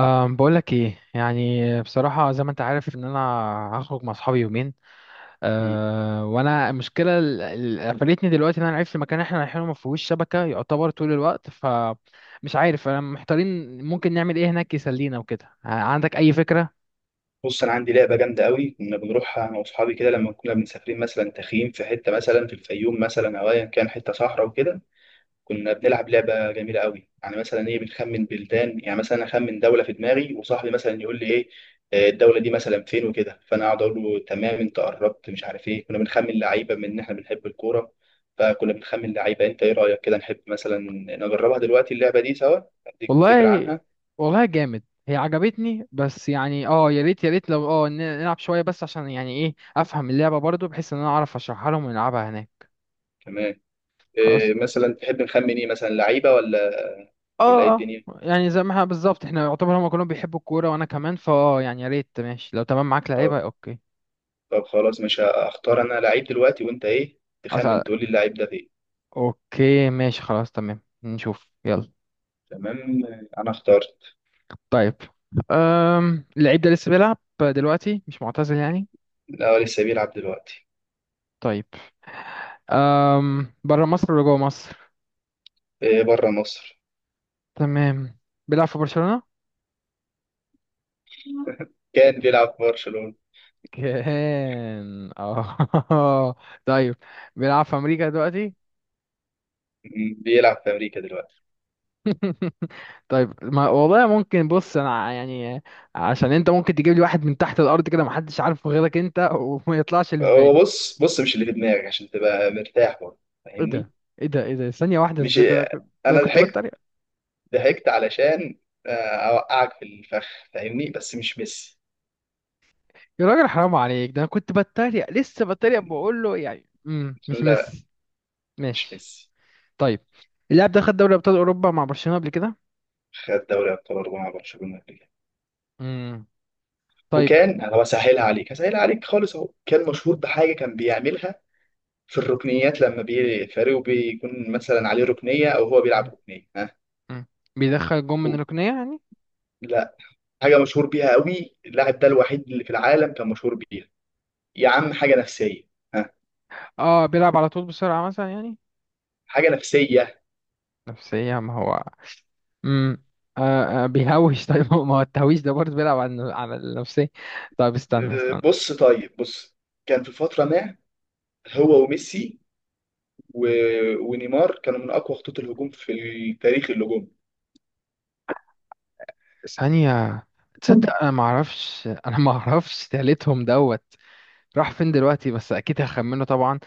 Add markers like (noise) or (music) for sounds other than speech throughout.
بقولك ايه؟ يعني بصراحة، زي ما انت عارف ان انا هخرج مع اصحابي يومين. مم. وانا المشكلة قفلتني دلوقتي، ان انا عرفت المكان اللي احنا رايحينه ما فيهوش شبكة يعتبر طول الوقت، فمش عارف، انا محتارين ممكن نعمل ايه هناك يسلينا وكده. عندك اي فكرة؟ بص، انا عندي لعبه جامده قوي كنا بنروحها انا واصحابي كده لما كنا مسافرين مثلا تخييم في حته مثلا في الفيوم، مثلا او ايا كان حته صحراء وكده. كنا بنلعب لعبه جميله قوي، يعني مثلا ايه، بنخمن بلدان، يعني مثلا اخمن دوله في دماغي وصاحبي مثلا يقول لي ايه الدوله دي مثلا فين وكده، فانا اقعد اقول له تمام انت قربت، مش عارف ايه. كنا بنخمن لعيبه من ان احنا بنحب الكوره، فكنا بنخمن لعيبه. انت ايه رايك كده، نحب مثلا نجربها دلوقتي اللعبه دي سوا، اديك فكره والله عنها والله جامد هي، عجبتني، بس يعني يا ريت يا ريت لو نلعب شوية بس عشان يعني ايه افهم اللعبة برضو، بحيث ان انا اعرف اشرحها لهم ونلعبها هناك. كمان؟ خلاص. إيه مثلا تحب نخمن، ايه مثلا، لعيبه ولا ايه اه اه الدنيا؟ يعني زي ما احنا بالظبط، احنا يعتبر هما كلهم بيحبوا الكورة وانا كمان، فاه يعني يا ريت، ماشي، لو تمام معاك لعيبة. طب اوكي. طب خلاص، مش هختار انا لعيب دلوقتي، وانت ايه أسأل. تخمن تقول لي اللعيب ده فين. اوكي ماشي، خلاص تمام، نشوف يلا. تمام، انا اخترت. طيب. اللعيب ده لسه بيلعب دلوقتي، مش معتزل يعني؟ الاول لسه بيلعب دلوقتي. طيب. بره مصر ولا جوه مصر؟ إيه، بره مصر. تمام. بيلعب في برشلونة. كان بيلعب في برشلونة. كان، اه. (laughs) طيب. بيلعب في امريكا دلوقتي؟ بيلعب في امريكا دلوقتي. طيب، ما والله ممكن، بص انا يعني عشان انت ممكن تجيب لي واحد من تحت الارض كده، محدش عارفه غيرك انت، (laughs) وما يطلعش اللي في بالي. هو بص بص، مش اللي في دماغك عشان تبقى مرتاح برضه، ايه فاهمني؟ ده؟ ايه ده ايه ده؟ ثانيه واحده، مش ازاي ده؟ انا كنت، ده انا انا كنت ضحكت. بتريق. ضحكت علشان آه، اوقعك في الفخ، فاهمني، بس مش ميسي. يا راجل، حرام عليك، ده انا كنت بتريق، لسه بتريق، بقول له يعني مش لا، مس-. مش ماشي. ميسي. طيب، اللاعب ده خد دوري ابطال اوروبا مع برشلونه قبل كده؟ خد دوري ابطال 4 مع برشلونة قبل كده. امم طيب. وكان انا بسهلها عليك، هسهلها عليك خالص. اهو كان مشهور بحاجه كان بيعملها في الركنيات، لما فريقه بيكون مثلا عليه ركنيه او هو بيلعب مم. ركنيه، ها. مم. بيدخل جون من و- الركنيه يعني؟ لا، حاجه مشهور بيها قوي اللاعب ده، الوحيد اللي في العالم كان مشهور بيها. يا عم، حاجه نفسيه، ها. اه، بيلعب على طول بسرعه مثلا يعني؟ حاجه نفسيه. نفسيه؟ ما هو... امم آه آه، بيهوش. (laughs) طيب، ما هو التهويش ده برضه بيلعب على النفسية. طيب استنى استنى. بص طيب بص. كان في فتره ما هو وميسي و... ونيمار كانوا من اقوى خطوط الهجوم في تاريخ الهجوم. ثانية. تصدق انا (laughs) ما اعرفش، (laughs) انا ما اعرفش تالتهم دوت. راح فين دلوقتي؟ بس اكيد هخمنه طبعا.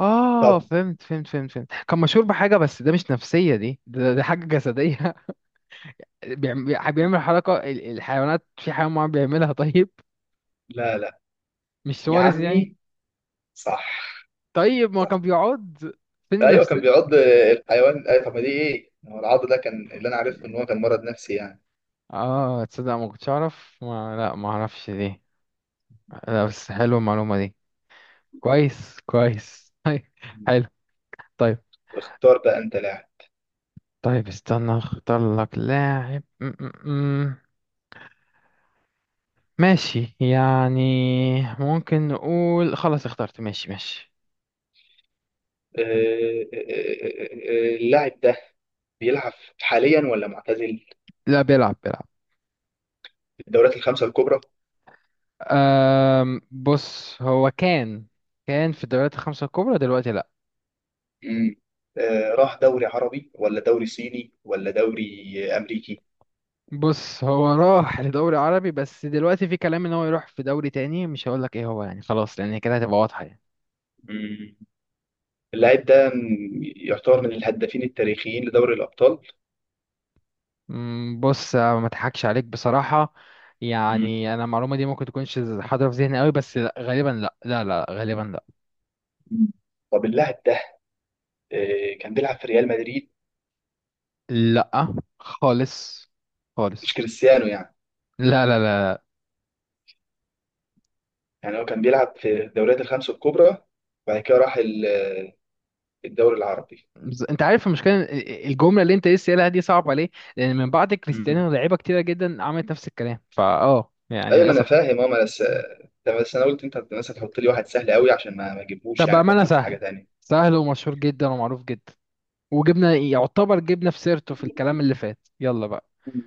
اه، طب. فهمت فهمت فهمت فهمت. كان مشهور بحاجة، بس ده مش نفسية دي. ده حاجة جسدية. (laughs) بيعمل حركة الحيوانات، في حيوان معين بيعملها. (laughs) طيب. لا لا، مش يا سوارز يعني؟ عمي، صح طيب، ما كان صح. بيقعد، فين ايوه كان النفسية؟ بيعض الحيوان. أيوة، طب ما دي ايه؟ هو العض ده كان اللي انا عارفه ان هو كان مرض نفسي يعني. اه، تصدق ما كنتش اعرف، ما لا ما اعرفش دي. لا، بس حلوة المعلومة دي. كويس كويس. (laughs) طيب. حلو. طيب. اختار بقى انت لاعب. طيب استنى، اختار لك لاعب. م- م- م. ماشي يعني، ممكن نقول خلاص اخترت. ماشي ماشي. آه، اللاعب ده بيلعب حاليا ولا معتزل؟ لا، بيلعب بيلعب. في الدوريات الخمسة الكبرى؟ بص، هو كان في الدوريات الخمسة الكبرى، دلوقتي لا. مم. راح دوري عربي ولا دوري صيني ولا دوري امريكي؟ بص، هو راح (laughs) لدوري عربي، بس دلوقتي في كلام ان هو يروح في دوري تاني، مش هقول لك ايه هو يعني، خلاص، لان كده هتبقى واضحة يعني. مم. اللاعب ده يعتبر من الهدافين التاريخيين لدوري الابطال. مم، بص، آه، ما اضحكش عليك بصراحة. مم. يعني انا المعلومة دي ممكن تكونش حاضرة في ذهني قوي، بس لا، غالبا لا لا لا، غالبا لا. طب اللاعب ده كان بيلعب في ريال مدريد؟ لا، خالص مش خالص. كريستيانو يعني؟ لا لا لا. يعني هو كان بيلعب في الدوريات الخمس الكبرى وبعد كده راح الدوري العربي. انت عارف المشكلة الجملة اللي انت لسه قايلها دي صعبة ليه؟ لان من بعد مم. كريستيانو لعيبة كتيرة جدا عملت نفس الكلام، فا يعني ايوه، ما انا للأسف. فاهم، ما انا بس، بس انا قلت انت مثلا تحط لي واحد سهل قوي عشان ما اجيبهوش طب يعني، بأمانة، افكر في حاجه سهل. تانية. سهل ومشهور جدا ومعروف جدا، وجبنا يعتبر جبنا في سيرته في الكلام اللي فات، يلا بقى. مم.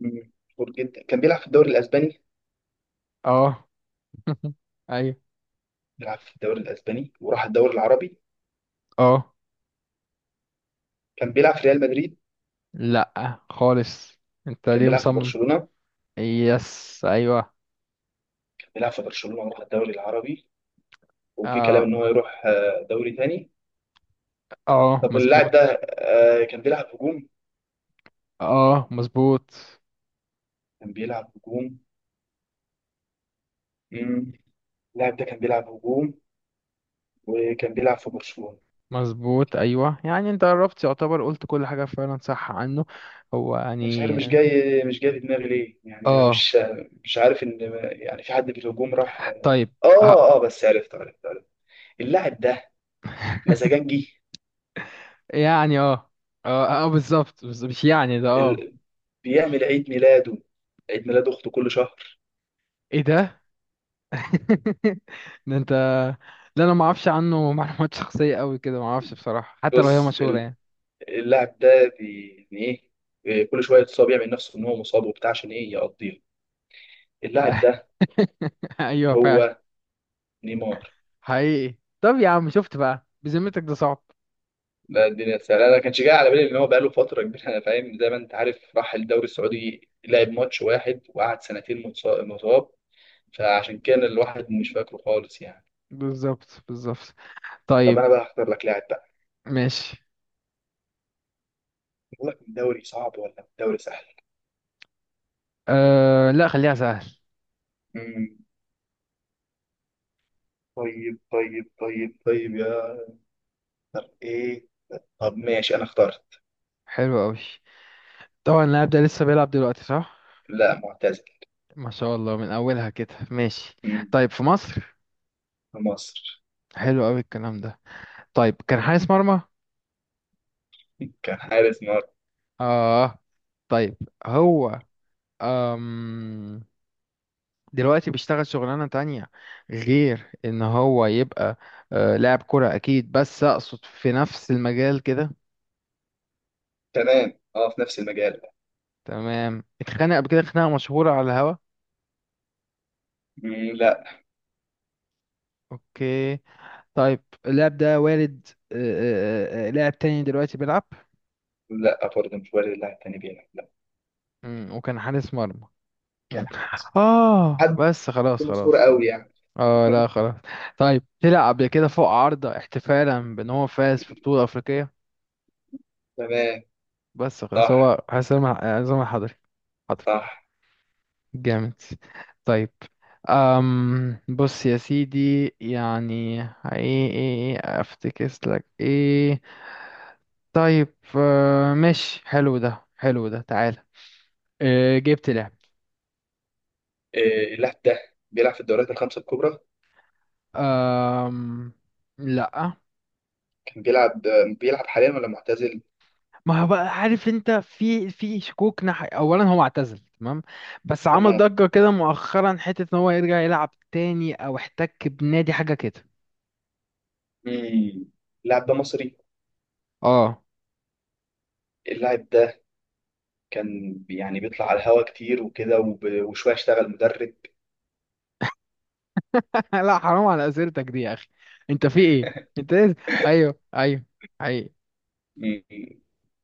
مم. مشهور جدا، كان بيلعب في الدوري الاسباني؟ اه. (laughs) ايوه. بيلعب في الدوري الاسباني وراح الدوري العربي. اه، كان بيلعب في ريال مدريد؟ لا خالص. انت كان ليه بيلعب في مصمم؟ برشلونه؟ يس، ايوه. كان بيلعب في برشلونه وراح الدوري العربي. وفي كلام اه ان هو يروح دوري تاني. اه، طب اللاعب ده مظبوط. كان بيلعب هجوم؟ اه، مظبوط كان بيلعب هجوم. مم. اللاعب ده كان بيلعب هجوم، وكان بيلعب في برشلونة. مظبوط. ايوه يعني، انت قربت يعتبر، قلت كل حاجه فعلا صح عنه. هو مش عارف، يعني مش جاي، في دماغي ليه يعني، انا اه. مش عارف ان، يعني في حد في الهجوم راح. طيب. اه. اه اه، بس عرفت عرفت عرفت. اللاعب ده (laughs) مزاجنجي. يعني اه اه اه، بالظبط، بس مش يعني ده اه. ال... بيعمل عيد ميلاده، عيد ميلاد اخته كل شهر. ايه ده؟ (laughs) ده انت. لا، انا ما اعرفش عنه (laughs) معلومات شخصيه قوي كده، ما اعرفش بصراحه، حتى لو هي بص مشهوره يعني. اللاعب ده يعني ايه، إيه، كل شويه يتصاب، يعمل نفسه ان هو مصاب وبتاع، عشان ايه يقضيها. اللاعب ده (laughs) ايوه فعلا. هو نيمار. حقيقي. طب يا عم، شفت بقى؟ بذمتك ده صعب. لا، الدنيا سهلة، أنا ما كانش جاي على بالي إن هو بقاله فترة كبيرة. أنا فاهم، زي ما أنت عارف راح الدوري السعودي لعب ماتش واحد وقعد سنتين مصاب. فعشان كان الواحد مش فاكره خالص يعني. بالظبط بالظبط. طب طيب أنا بقى هختار لك لاعب بقى. ماشي. أقول لك الدوري صعب ولا الدوري سهل؟ أه لا، خليها سهل. مم. طيب طيب طيب طيب إيه، طب ماشي، أنا اخترت. حلو قوي. طبعا اللاعب ده لسه بيلعب دلوقتي صح؟ لا، معتزل. ما شاء الله، من اولها كده. ماشي. مم. طيب، في مصر. في مصر. حلو قوي الكلام ده. طيب، كان حارس مرمى؟ (laughs) كان حارس مرمى. اه. طيب. هو أم دلوقتي بيشتغل شغلانة تانية غير ان هو يبقى لاعب كرة اكيد، بس اقصد في نفس المجال كده. تمام، في نفس المجال. تمام. اتخانق قبل كده خناقة مشهورة على الهوا؟ مم. لا اوكي. طيب، اللاعب ده والد لاعب تاني دلوقتي بيلعب؟ لا، برضه مش وارد اللاعب التاني بيلعب، لا. مم. وكان حارس مرمى. كان مم. حارس. اه، حد بس خلاص مشهور خلاص خلاص. قوي يعني؟ اه، لا خلاص. طيب، طلع قبل كده فوق عارضة احتفالا بان هو فاز في بطولة افريقية؟ تمام، بس خلاص صح هو حسام عصام الحضري. حضري. صح. جامد. طيب، بص يا سيدي، يعني ايه ايه، ايه افتكس لك ايه؟ طيب، آه، ماشي، حلو ده، حلو ده. تعالى. آه، جبت لعب. إيه اللاعب ده بيلعب في الدوريات الخمسة الكبرى؟ أم... لا. كان بيلعب؟ بيلعب حاليا ولا معتزل؟ ما هو بقى، عارف انت، في شكوك ناحية، اولا هو اعتزل تمام، بس عمل تمام. ضجة كده مؤخرا حتة ان هو يرجع يلعب تاني او احتك بنادي حاجة كده. مم. اللاعب ده مصري. اه. اللاعب ده كان يعني بيطلع على الهوا كتير وكده وشوية اشتغل مدرب. (laughs) لا حرام، على اسئلتك دي يا اخي. انت في ايه؟ انت ايه؟ ايوه ايوه. ايوه. مم.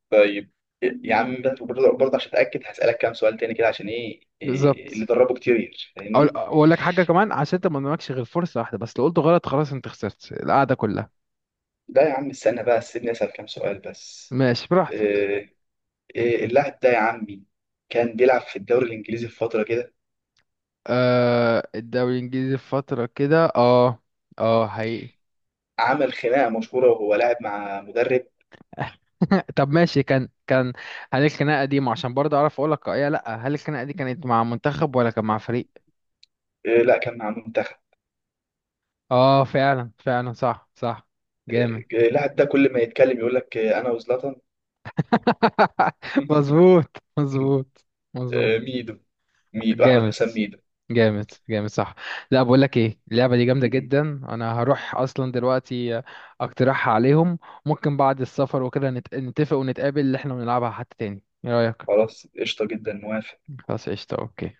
طيب يا عم، ده برضه برضه عشان اتاكد هسالك كام سؤال تاني كده، عشان ايه إيه اللي بالظبط. دربه كتير، اقول فاهمني؟ اقول لك حاجة كمان، عشان انت ما قدامكش غير فرصة واحدة بس، لو قلت غلط خلاص انت خسرت القعدة كلها. لا يا عم، استنى بقى سيبني اسال كام سؤال بس. ماشي، براحتك. إيه، إيه اللاعب ده يا عمي كان بيلعب في الدوري الانجليزي في فتره كده؟ آه، الدوري الانجليزي في فتره كده، اه. اه حقيقي. عمل خناقه مشهوره وهو لاعب مع مدرب. (laughs) طب ماشي، كان كان. هل الخناقه دي عشان برضه اعرف اقول لك ايه، لا هل الخناقه دي كانت مع منتخب ولا كان مع فريق؟ لا، كان مع منتخب. اه فعلا فعلا، صح صح. آه، جامد. اللاعب ده كل ما يتكلم يقول لك انا وزلاتان. (laughs) (laughs) مظبوط مظبوط. مظبوط. آه، ميدو. ميدو احمد جامد حسام ميدو. جامد جامد. صح. لا، بقول لك ايه، اللعبه دي جامده م- م. جدا. انا هروح اصلا دلوقتي اقترحها عليهم. ممكن بعد السفر وكده نتفق ونتقابل اللي احنا بنلعبها حتى تاني، ايه رايك؟ خلاص، قشطه جدا، موافق. خلاص قشطة. اوكي.